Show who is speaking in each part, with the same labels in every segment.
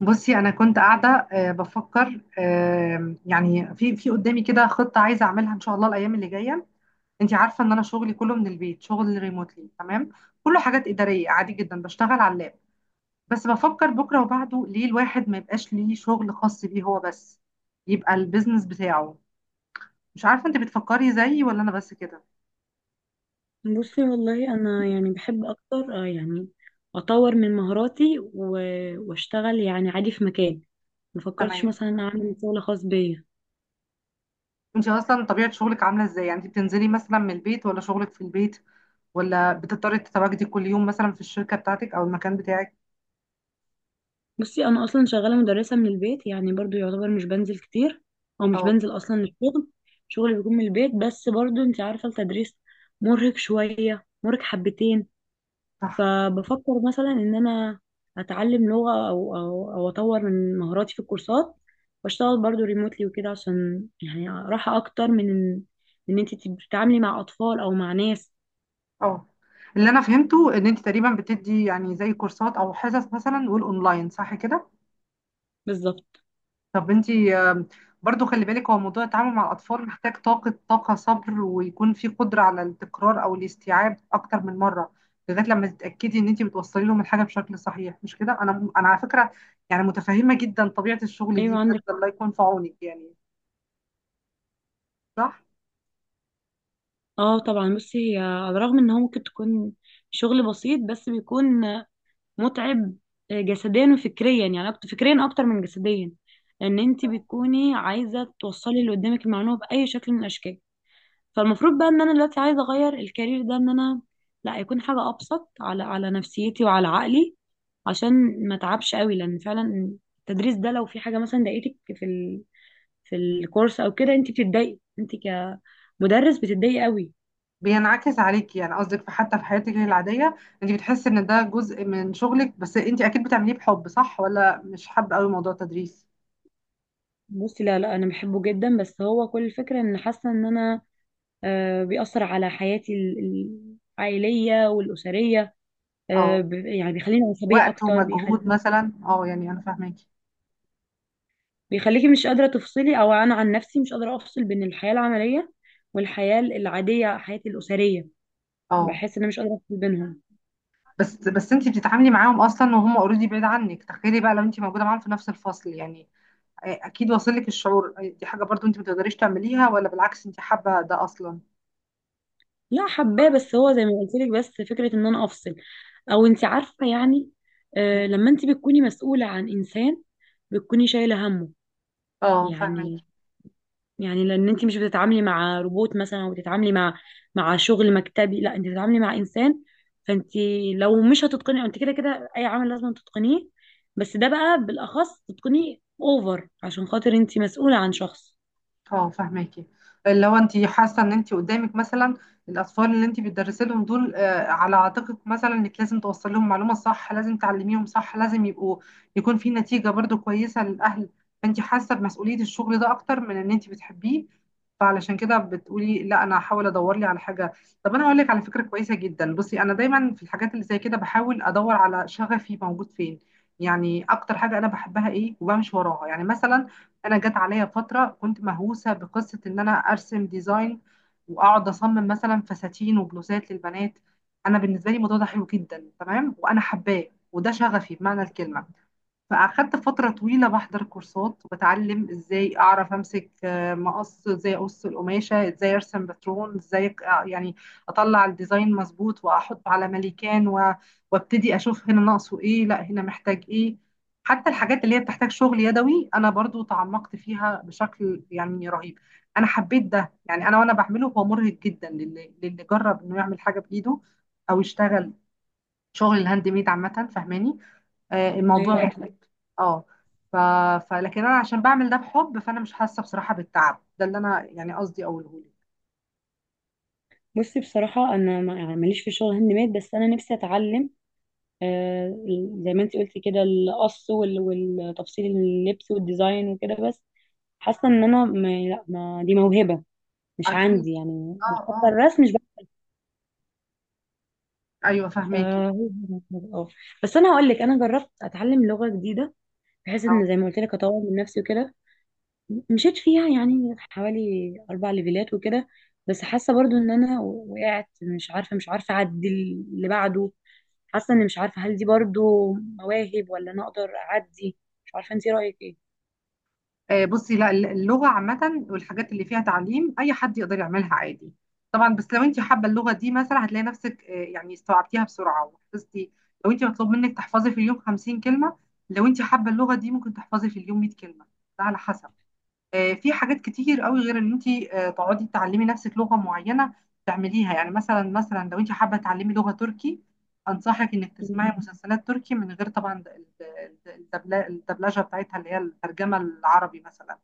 Speaker 1: بصي انا كنت قاعده، بفكر، يعني في قدامي كده خطه عايزه اعملها ان شاء الله الايام اللي جايه. انت عارفه ان انا شغلي كله من البيت، شغل ريموتلي، تمام. كله حاجات اداريه عادي جدا، بشتغل على اللاب. بس بفكر بكره وبعده، ليه الواحد ما يبقاش ليه شغل خاص بيه هو بس؟ يبقى البيزنس بتاعه. مش عارفه، انت بتفكري زيي ولا انا بس كده؟
Speaker 2: بصي والله انا يعني بحب اكتر يعني اطور من مهاراتي واشتغل يعني عادي في مكان. ما فكرتش
Speaker 1: تمام.
Speaker 2: مثلا اعمل شغل خاص بيا.
Speaker 1: انت اصلا طبيعه شغلك عامله ازاي؟ يعني انت بتنزلي مثلا من البيت، ولا شغلك في البيت، ولا بتضطري تتواجدي كل يوم مثلا في الشركه بتاعتك او المكان بتاعك؟
Speaker 2: بصي انا اصلا شغاله مدرسه من البيت، يعني برضو يعتبر مش بنزل كتير، او مش بنزل اصلا للشغل. شغلي بيكون من البيت، بس برضو انت عارفه التدريس مرهق شويه، مرهق حبتين.
Speaker 1: صح.
Speaker 2: فبفكر مثلا ان انا اتعلم لغة او اطور من مهاراتي في الكورسات، واشتغل برضو ريموتلي وكده، عشان يعني راحة اكتر من إن انت تتعاملي مع اطفال او مع ناس.
Speaker 1: اه. اللي انا فهمته ان انت تقريبا بتدي يعني زي كورسات او حصص مثلا والاونلاين، صح كده؟
Speaker 2: بالظبط.
Speaker 1: طب انت، برضو خلي بالك، هو موضوع التعامل مع الاطفال محتاج طاقه، طاقه، صبر، ويكون في قدره على التكرار او الاستيعاب اكتر من مره، لغايه لما تتاكدي ان انت بتوصلي لهم الحاجه بشكل صحيح. مش كده؟ انا على فكره يعني متفهمه جدا طبيعه الشغل دي
Speaker 2: ايوه
Speaker 1: بجد.
Speaker 2: عندك.
Speaker 1: الله يكون في عونك يعني. صح.
Speaker 2: اه طبعا. بصي هي على الرغم ان هو ممكن تكون شغل بسيط، بس بيكون متعب، جسديا وفكريا، يعني اكتر فكريا اكتر من جسديا، لان انت بتكوني عايزة توصلي اللي قدامك المعلومة بأي شكل من الاشكال. فالمفروض بقى ان انا دلوقتي عايزه اغير الكارير ده، ان انا لا يكون حاجه ابسط على نفسيتي وعلى عقلي، عشان ما اتعبش قوي، لان فعلا التدريس ده لو في حاجه مثلا ضايقتك في في الكورس او كده، انت بتتضايقي، انت كمدرس بتتضايقي قوي.
Speaker 1: بينعكس عليكي يعني، قصدك في حتى في حياتك العادية انت بتحسي ان ده جزء من شغلك. بس انت اكيد بتعمليه بحب، صح؟ ولا مش حابة قوي موضوع التدريس؟
Speaker 2: بصي لا، انا بحبه جدا، بس هو كل الفكره ان حاسه ان انا بيأثر على حياتي العائليه والاسريه.
Speaker 1: اه.
Speaker 2: يعني بيخليني عصبيه
Speaker 1: وقت
Speaker 2: اكتر،
Speaker 1: ومجهود
Speaker 2: بيخليني
Speaker 1: مثلا، اه، يعني انا فاهماكي.
Speaker 2: بيخليكي مش قادرة تفصلي. أو أنا عن نفسي مش قادرة أفصل بين الحياة العملية والحياة العادية، حياتي الأسرية.
Speaker 1: اه.
Speaker 2: بحس إن أنا مش قادرة أفصل بينهم.
Speaker 1: بس انت بتتعاملي معاهم اصلا وهم اوريدي بعيد عنك، تخيلي بقى لو انت موجودة معاهم في نفس الفصل يعني. اكيد واصل لك الشعور. دي حاجة برضو انت ما تقدريش تعمليها، ولا بالعكس انت حابة ده اصلا؟
Speaker 2: لا حباه، بس هو زي ما قلت لك، بس فكرة إن أنا أفصل أو أنت عارفة يعني. آه، لما أنت بتكوني مسؤولة عن إنسان بتكوني شايلة همه
Speaker 1: اه فاهمك.
Speaker 2: يعني. يعني لان انت مش بتتعاملي مع روبوت مثلا، وبتتعاملي مع مع شغل مكتبي. لا، انت بتتعاملي مع انسان. فانت لو مش هتتقني، انت كده كده اي عمل لازم تتقنيه، بس ده بقى بالاخص تتقنيه اوفر، عشان خاطر انت مسؤولة عن شخص.
Speaker 1: اه فهماكي. اللي هو انت حاسه ان انت قدامك مثلا الاطفال اللي انت بتدرسي لهم دول، على عاتقك مثلا انك لازم توصل لهم معلومه صح، لازم تعلميهم صح، لازم يبقوا يكون في نتيجه برضو كويسه للاهل. فانت حاسه بمسؤوليه الشغل ده اكتر من ان انت بتحبيه. فعلشان كده بتقولي لا انا هحاول ادور لي على حاجه. طب انا هقول لك على فكره كويسه جدا. بصي انا دايما في الحاجات اللي زي كده بحاول ادور على شغفي موجود فين. يعني اكتر حاجه انا بحبها ايه وبمشي وراها يعني. مثلا انا جت عليا فتره كنت مهووسه بقصه ان انا ارسم ديزاين، واقعد اصمم مثلا فساتين وبلوزات للبنات. انا بالنسبه لي الموضوع ده حلو جدا، تمام، وانا حباه، وده شغفي بمعنى الكلمه. فأخدت فترة طويلة بحضر كورسات وبتعلم ازاي أعرف أمسك، مقص، ازاي أقص القماشة، ازاي أرسم باترون، ازاي يعني أطلع الديزاين مظبوط، وأحط على مليكان وابتدي أشوف هنا ناقصه ايه، لا هنا محتاج ايه. حتى الحاجات اللي هي بتحتاج شغل يدوي أنا برضو تعمقت فيها بشكل يعني رهيب. أنا حبيت ده يعني. أنا وأنا بعمله هو مرهق جدا، للي جرب إنه يعمل حاجة بإيده، أو يشتغل شغل الهاند ميد عامة، فاهماني؟ الموضوع
Speaker 2: ايوه.
Speaker 1: مختلف. اه. ف... لكن انا عشان بعمل ده بحب، فانا مش حاسه بصراحه بالتعب ده، اللي انا يعني قصدي اقوله لك.
Speaker 2: بصي بصراحة أنا يعني ماليش في الشغل هاند ميد، بس أنا نفسي أتعلم آه زي ما أنت قلتي كده، القص والتفصيل اللبس والديزاين وكده. بس حاسة إن أنا ما دي موهبة مش
Speaker 1: اكيد.
Speaker 2: عندي يعني،
Speaker 1: اه.
Speaker 2: وحتى
Speaker 1: اه.
Speaker 2: الرسم مش.
Speaker 1: ايوه فهماكي.
Speaker 2: فهو اه بس انا هقول لك، انا جربت اتعلم لغه جديده، بحيث
Speaker 1: اه.
Speaker 2: ان زي ما قلت لك اطور من نفسي وكده. مشيت فيها يعني حوالي 4 ليفلات وكده، بس حاسه برضو ان انا وقعت، مش عارفه اعدي اللي بعده. حاسه اني مش عارفه، هل دي برضو مواهب ولا انا اقدر اعدي؟ مش عارفه انت رايك ايه.
Speaker 1: بصي، لا، اللغه عامه والحاجات اللي فيها تعليم اي حد يقدر يعملها عادي طبعا. بس لو انت حابه اللغه دي مثلا هتلاقي نفسك، يعني استوعبتيها بسرعه وحفظتي. لو انت مطلوب منك تحفظي في اليوم 50 كلمه، لو انت حابه اللغه دي ممكن تحفظي في اليوم 100 كلمه. ده على حسب. في حاجات كتير قوي غير ان انت تقعدي تعلمي نفسك لغه معينه. تعمليها يعني، مثلا لو انت حابه تعلمي لغه تركي، انصحك انك
Speaker 2: م-
Speaker 1: تسمعي مسلسلات تركي من غير طبعا الدبلجه بتاعتها اللي هي الترجمه العربي مثلا.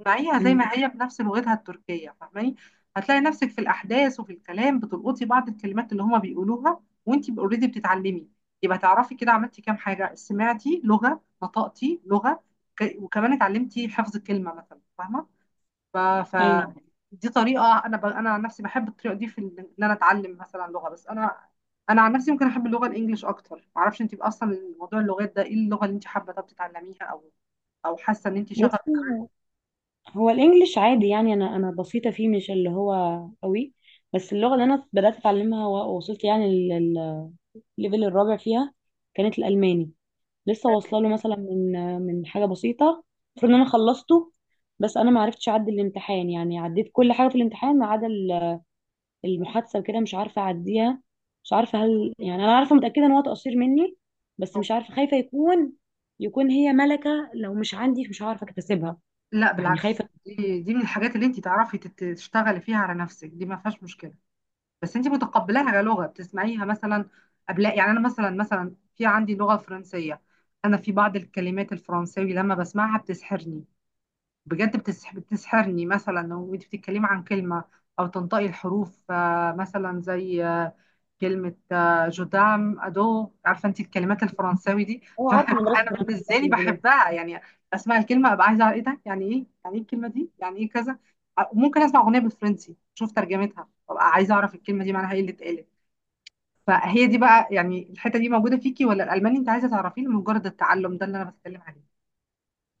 Speaker 1: اسمعيها زي
Speaker 2: م.
Speaker 1: ما هي بنفس لغتها التركيه، فاهماني؟ هتلاقي نفسك في الاحداث وفي الكلام بتلقطي بعض الكلمات اللي هما بيقولوها، وانت اوريدي بتتعلمي. يبقى تعرفي كده عملتي كام حاجه: سمعتي لغه، نطقتي لغه، وكمان اتعلمتي حفظ كلمه مثلا، فاهمه؟ ف... ف
Speaker 2: ايوه.
Speaker 1: دي طريقه انا انا عن نفسي بحب الطريقه دي في ان انا اتعلم مثلا لغه. بس انا عن نفسي ممكن احب اللغه الانجليش اكتر. ما اعرفش انت اصلا موضوع اللغات ده ايه، اللغه اللي انت حابه طب تتعلميها، او او حاسه ان انت شغف؟
Speaker 2: بصي هو الانجليش عادي يعني، انا بسيطه فيه، مش اللي هو قوي. بس اللغه اللي انا بدات اتعلمها ووصلت يعني الليفل الرابع فيها، كانت الالماني. لسه
Speaker 1: حلو.
Speaker 2: واصله له مثلا من حاجه بسيطه. المفروض ان انا خلصته، بس انا ما عرفتش اعدي الامتحان. يعني عديت كل حاجه في الامتحان ما عدا المحادثه وكده، مش عارفه اعديها. مش عارفه هل يعني انا عارفه متاكده ان هو تقصير مني، بس مش عارفه، خايفه يكون يكون هي ملكه لو مش عندي مش عارفه اكتسبها
Speaker 1: لا
Speaker 2: يعني،
Speaker 1: بالعكس،
Speaker 2: خايفه.
Speaker 1: دي من الحاجات اللي انت تعرفي تشتغلي فيها على نفسك، دي ما فيهاش مشكله. بس انت متقبلاها كلغه بتسمعيها مثلا قبل؟ يعني انا مثلا في عندي لغه فرنسيه، انا في بعض الكلمات الفرنساوي لما بسمعها بتسحرني، بجد بتسحرني مثلا. وانت بتتكلمي عن كلمة او تنطقي الحروف، مثلا زي، كلمة، جودام ادو، عارفة انت الكلمات الفرنساوي دي؟
Speaker 2: هو عارف ان مدرسه
Speaker 1: فانا
Speaker 2: فرنسا
Speaker 1: بالنسبة
Speaker 2: برضه
Speaker 1: لي
Speaker 2: ليفلين.
Speaker 1: بحبها يعني. اسمع الكلمة ابقى عايزة أعرف ايه ده، يعني ايه، يعني ايه الكلمة دي، يعني ايه كذا. ممكن اسمع اغنية بالفرنسي، اشوف ترجمتها، وابقى عايزة اعرف الكلمة دي معناها ايه اللي اتقالت. فهي دي بقى، يعني الحتة دي موجودة فيكي، ولا الالماني انت عايزة تعرفيه لمجرد التعلم؟ ده اللي انا بتكلم عليه.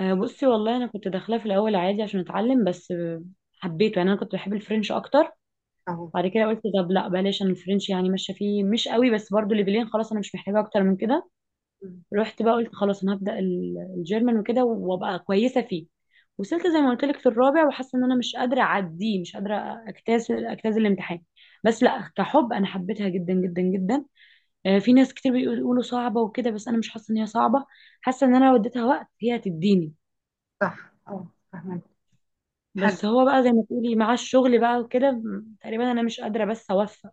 Speaker 2: بصي والله انا كنت داخلاه في الاول عادي عشان اتعلم، بس حبيته. يعني انا كنت بحب الفرنش اكتر.
Speaker 1: اهو.
Speaker 2: بعد كده قلت طب لا بلاش، انا الفرنش يعني ماشيه فيه، مش قوي، بس برضو ليفلين خلاص، انا مش محتاجه اكتر من كده.
Speaker 1: مم.
Speaker 2: رحت بقى قلت خلاص انا هبدا الجيرمان وكده، وابقى كويسه فيه. وصلت زي ما قلت لك في الرابع، وحاسه ان انا مش قادره اعديه، مش قادره اجتاز الامتحان. بس لا كحب انا حبيتها جدا جدا جدا. في ناس كتير بيقولوا صعبه وكده، بس انا مش حاسه ان هي صعبه. حاسه ان انا لو اديتها وقت هي هتديني.
Speaker 1: صح اه فاهمة. حلو.
Speaker 2: بس هو بقى زي ما تقولي، مع الشغل بقى وكده تقريبا انا مش قادره بس اوفق.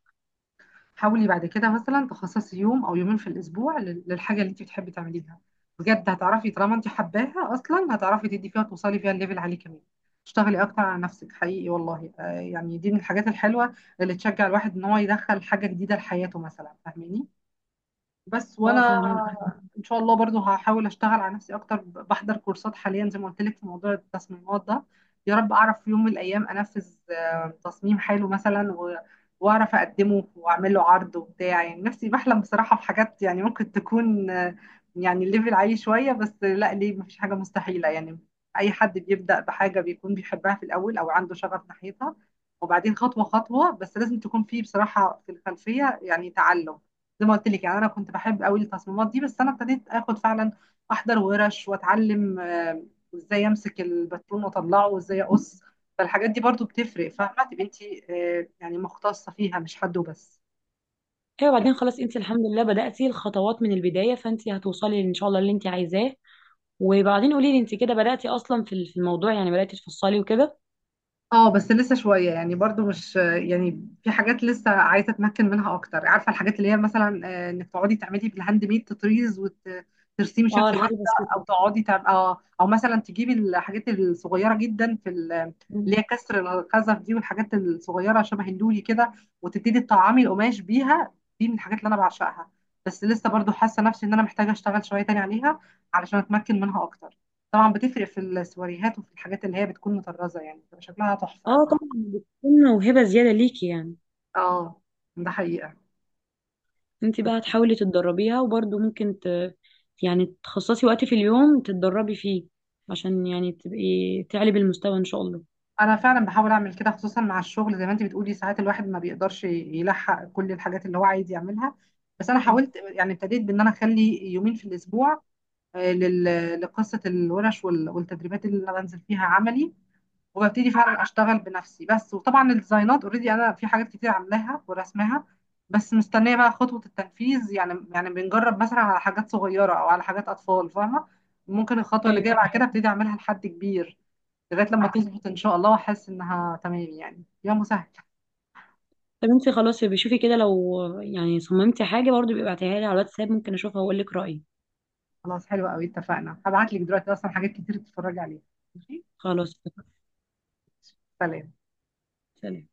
Speaker 1: حاولي بعد كده مثلا تخصصي يوم او يومين في الاسبوع للحاجه اللي انت بتحبي تعمليها. بجد هتعرفي، طالما انت حباها اصلا هتعرفي تدي فيها وتوصلي فيها الليفل عالي كمان. اشتغلي اكتر على نفسك حقيقي والله، يعني دي من الحاجات الحلوه اللي تشجع الواحد ان هو يدخل حاجه جديده لحياته مثلا، فاهماني؟ بس وانا
Speaker 2: اه فاهمه.
Speaker 1: ان شاء الله برضو هحاول اشتغل على نفسي اكتر، بحضر كورسات حاليا زي ما قلت لك في موضوع التصميمات ده. يا رب اعرف في يوم من الايام انفذ، تصميم حلو مثلا، واعرف اقدمه واعمل له عرض وبتاع. يعني نفسي بحلم بصراحة في حاجات يعني ممكن تكون، يعني الليفل عالي شوية، بس لا، ليه؟ مفيش حاجة مستحيلة يعني. اي حد بيبدأ بحاجة بيكون بيحبها في الاول او عنده شغف ناحيتها، وبعدين خطوة خطوة. بس لازم تكون فيه بصراحة في الخلفية يعني تعلم. زي ما قلت لك، يعني انا كنت بحب قوي التصميمات دي، بس انا ابتديت اخد فعلا احضر ورش، واتعلم، ازاي امسك الباترون واطلعه، وازاي اقص. فالحاجات دي برضو بتفرق، فاهمه؟ تبقي انت يعني مختصه فيها، مش حد وبس.
Speaker 2: ايوه. بعدين خلاص انت الحمد لله بدأتي الخطوات من البداية، فانت هتوصلي ان شاء الله اللي انت عايزاه. وبعدين قولي لي انت كده بدأتي اصلا في الموضوع، يعني بدأتي تفصلي وكده؟
Speaker 1: اه بس لسه شوية، يعني برضو، مش يعني، في حاجات لسه عايزة اتمكن منها اكتر. عارفة الحاجات اللي هي مثلا، انك تقعدي تعملي بالهاند ميد تطريز وترسمي
Speaker 2: اه
Speaker 1: شكل
Speaker 2: الحاجات
Speaker 1: واحدة، او
Speaker 2: البسيطة.
Speaker 1: اه، او مثلا تجيبي الحاجات الصغيرة جدا في اللي هي
Speaker 2: مم.
Speaker 1: كسر الخزف دي، والحاجات الصغيرة شبه النولي كده، وتبتدي تطعمي القماش بيها. دي من الحاجات اللي انا بعشقها، بس لسه برضو حاسة نفسي ان انا محتاجة اشتغل شوية تاني عليها علشان اتمكن منها اكتر. طبعا بتفرق في السواريهات وفي الحاجات اللي هي بتكون مطرزه، يعني بتبقى شكلها تحفه قوي.
Speaker 2: اه طبعا بتكون موهبة زيادة ليكي يعني.
Speaker 1: اه ده حقيقه.
Speaker 2: انت بقى هتحاولي تتدربيها، وبرضه ممكن يعني تخصصي وقت في اليوم تتدربي فيه، عشان يعني تبقي تعلي بالمستوى ان شاء الله.
Speaker 1: انا فعلا بحاول اعمل كده، خصوصا مع الشغل زي ما انت بتقولي، ساعات الواحد ما بيقدرش يلحق كل الحاجات اللي هو عايز يعملها. بس انا
Speaker 2: مم.
Speaker 1: حاولت، يعني ابتديت بان انا اخلي يومين في الاسبوع، لقصه الورش والتدريبات اللي انا بنزل فيها عملي، وببتدي فعلا اشتغل بنفسي بس. وطبعا الديزاينات اوريدي انا في حاجات كتير عاملاها ورسمها، بس مستنيه بقى خطوه التنفيذ. يعني يعني بنجرب مثلا على حاجات صغيره او على حاجات اطفال، فاهمه؟ ممكن الخطوه اللي
Speaker 2: ايوه.
Speaker 1: جايه بعد كده ابتدي اعملها لحد كبير، لغايه لما تظبط ان شاء الله واحس انها تمام، يعني يا مسهل.
Speaker 2: طب انت خلاص، بشوفي كده، لو يعني صممتي حاجة برضه، بيبقى ابعتيها لي على الواتساب، ممكن اشوفها واقول لك رأيي.
Speaker 1: خلاص حلو قوي، اتفقنا. هبعت لك دلوقتي اصلا حاجات كتير تتفرجي عليها. ماشي.
Speaker 2: خلاص.
Speaker 1: سلام.
Speaker 2: سلام.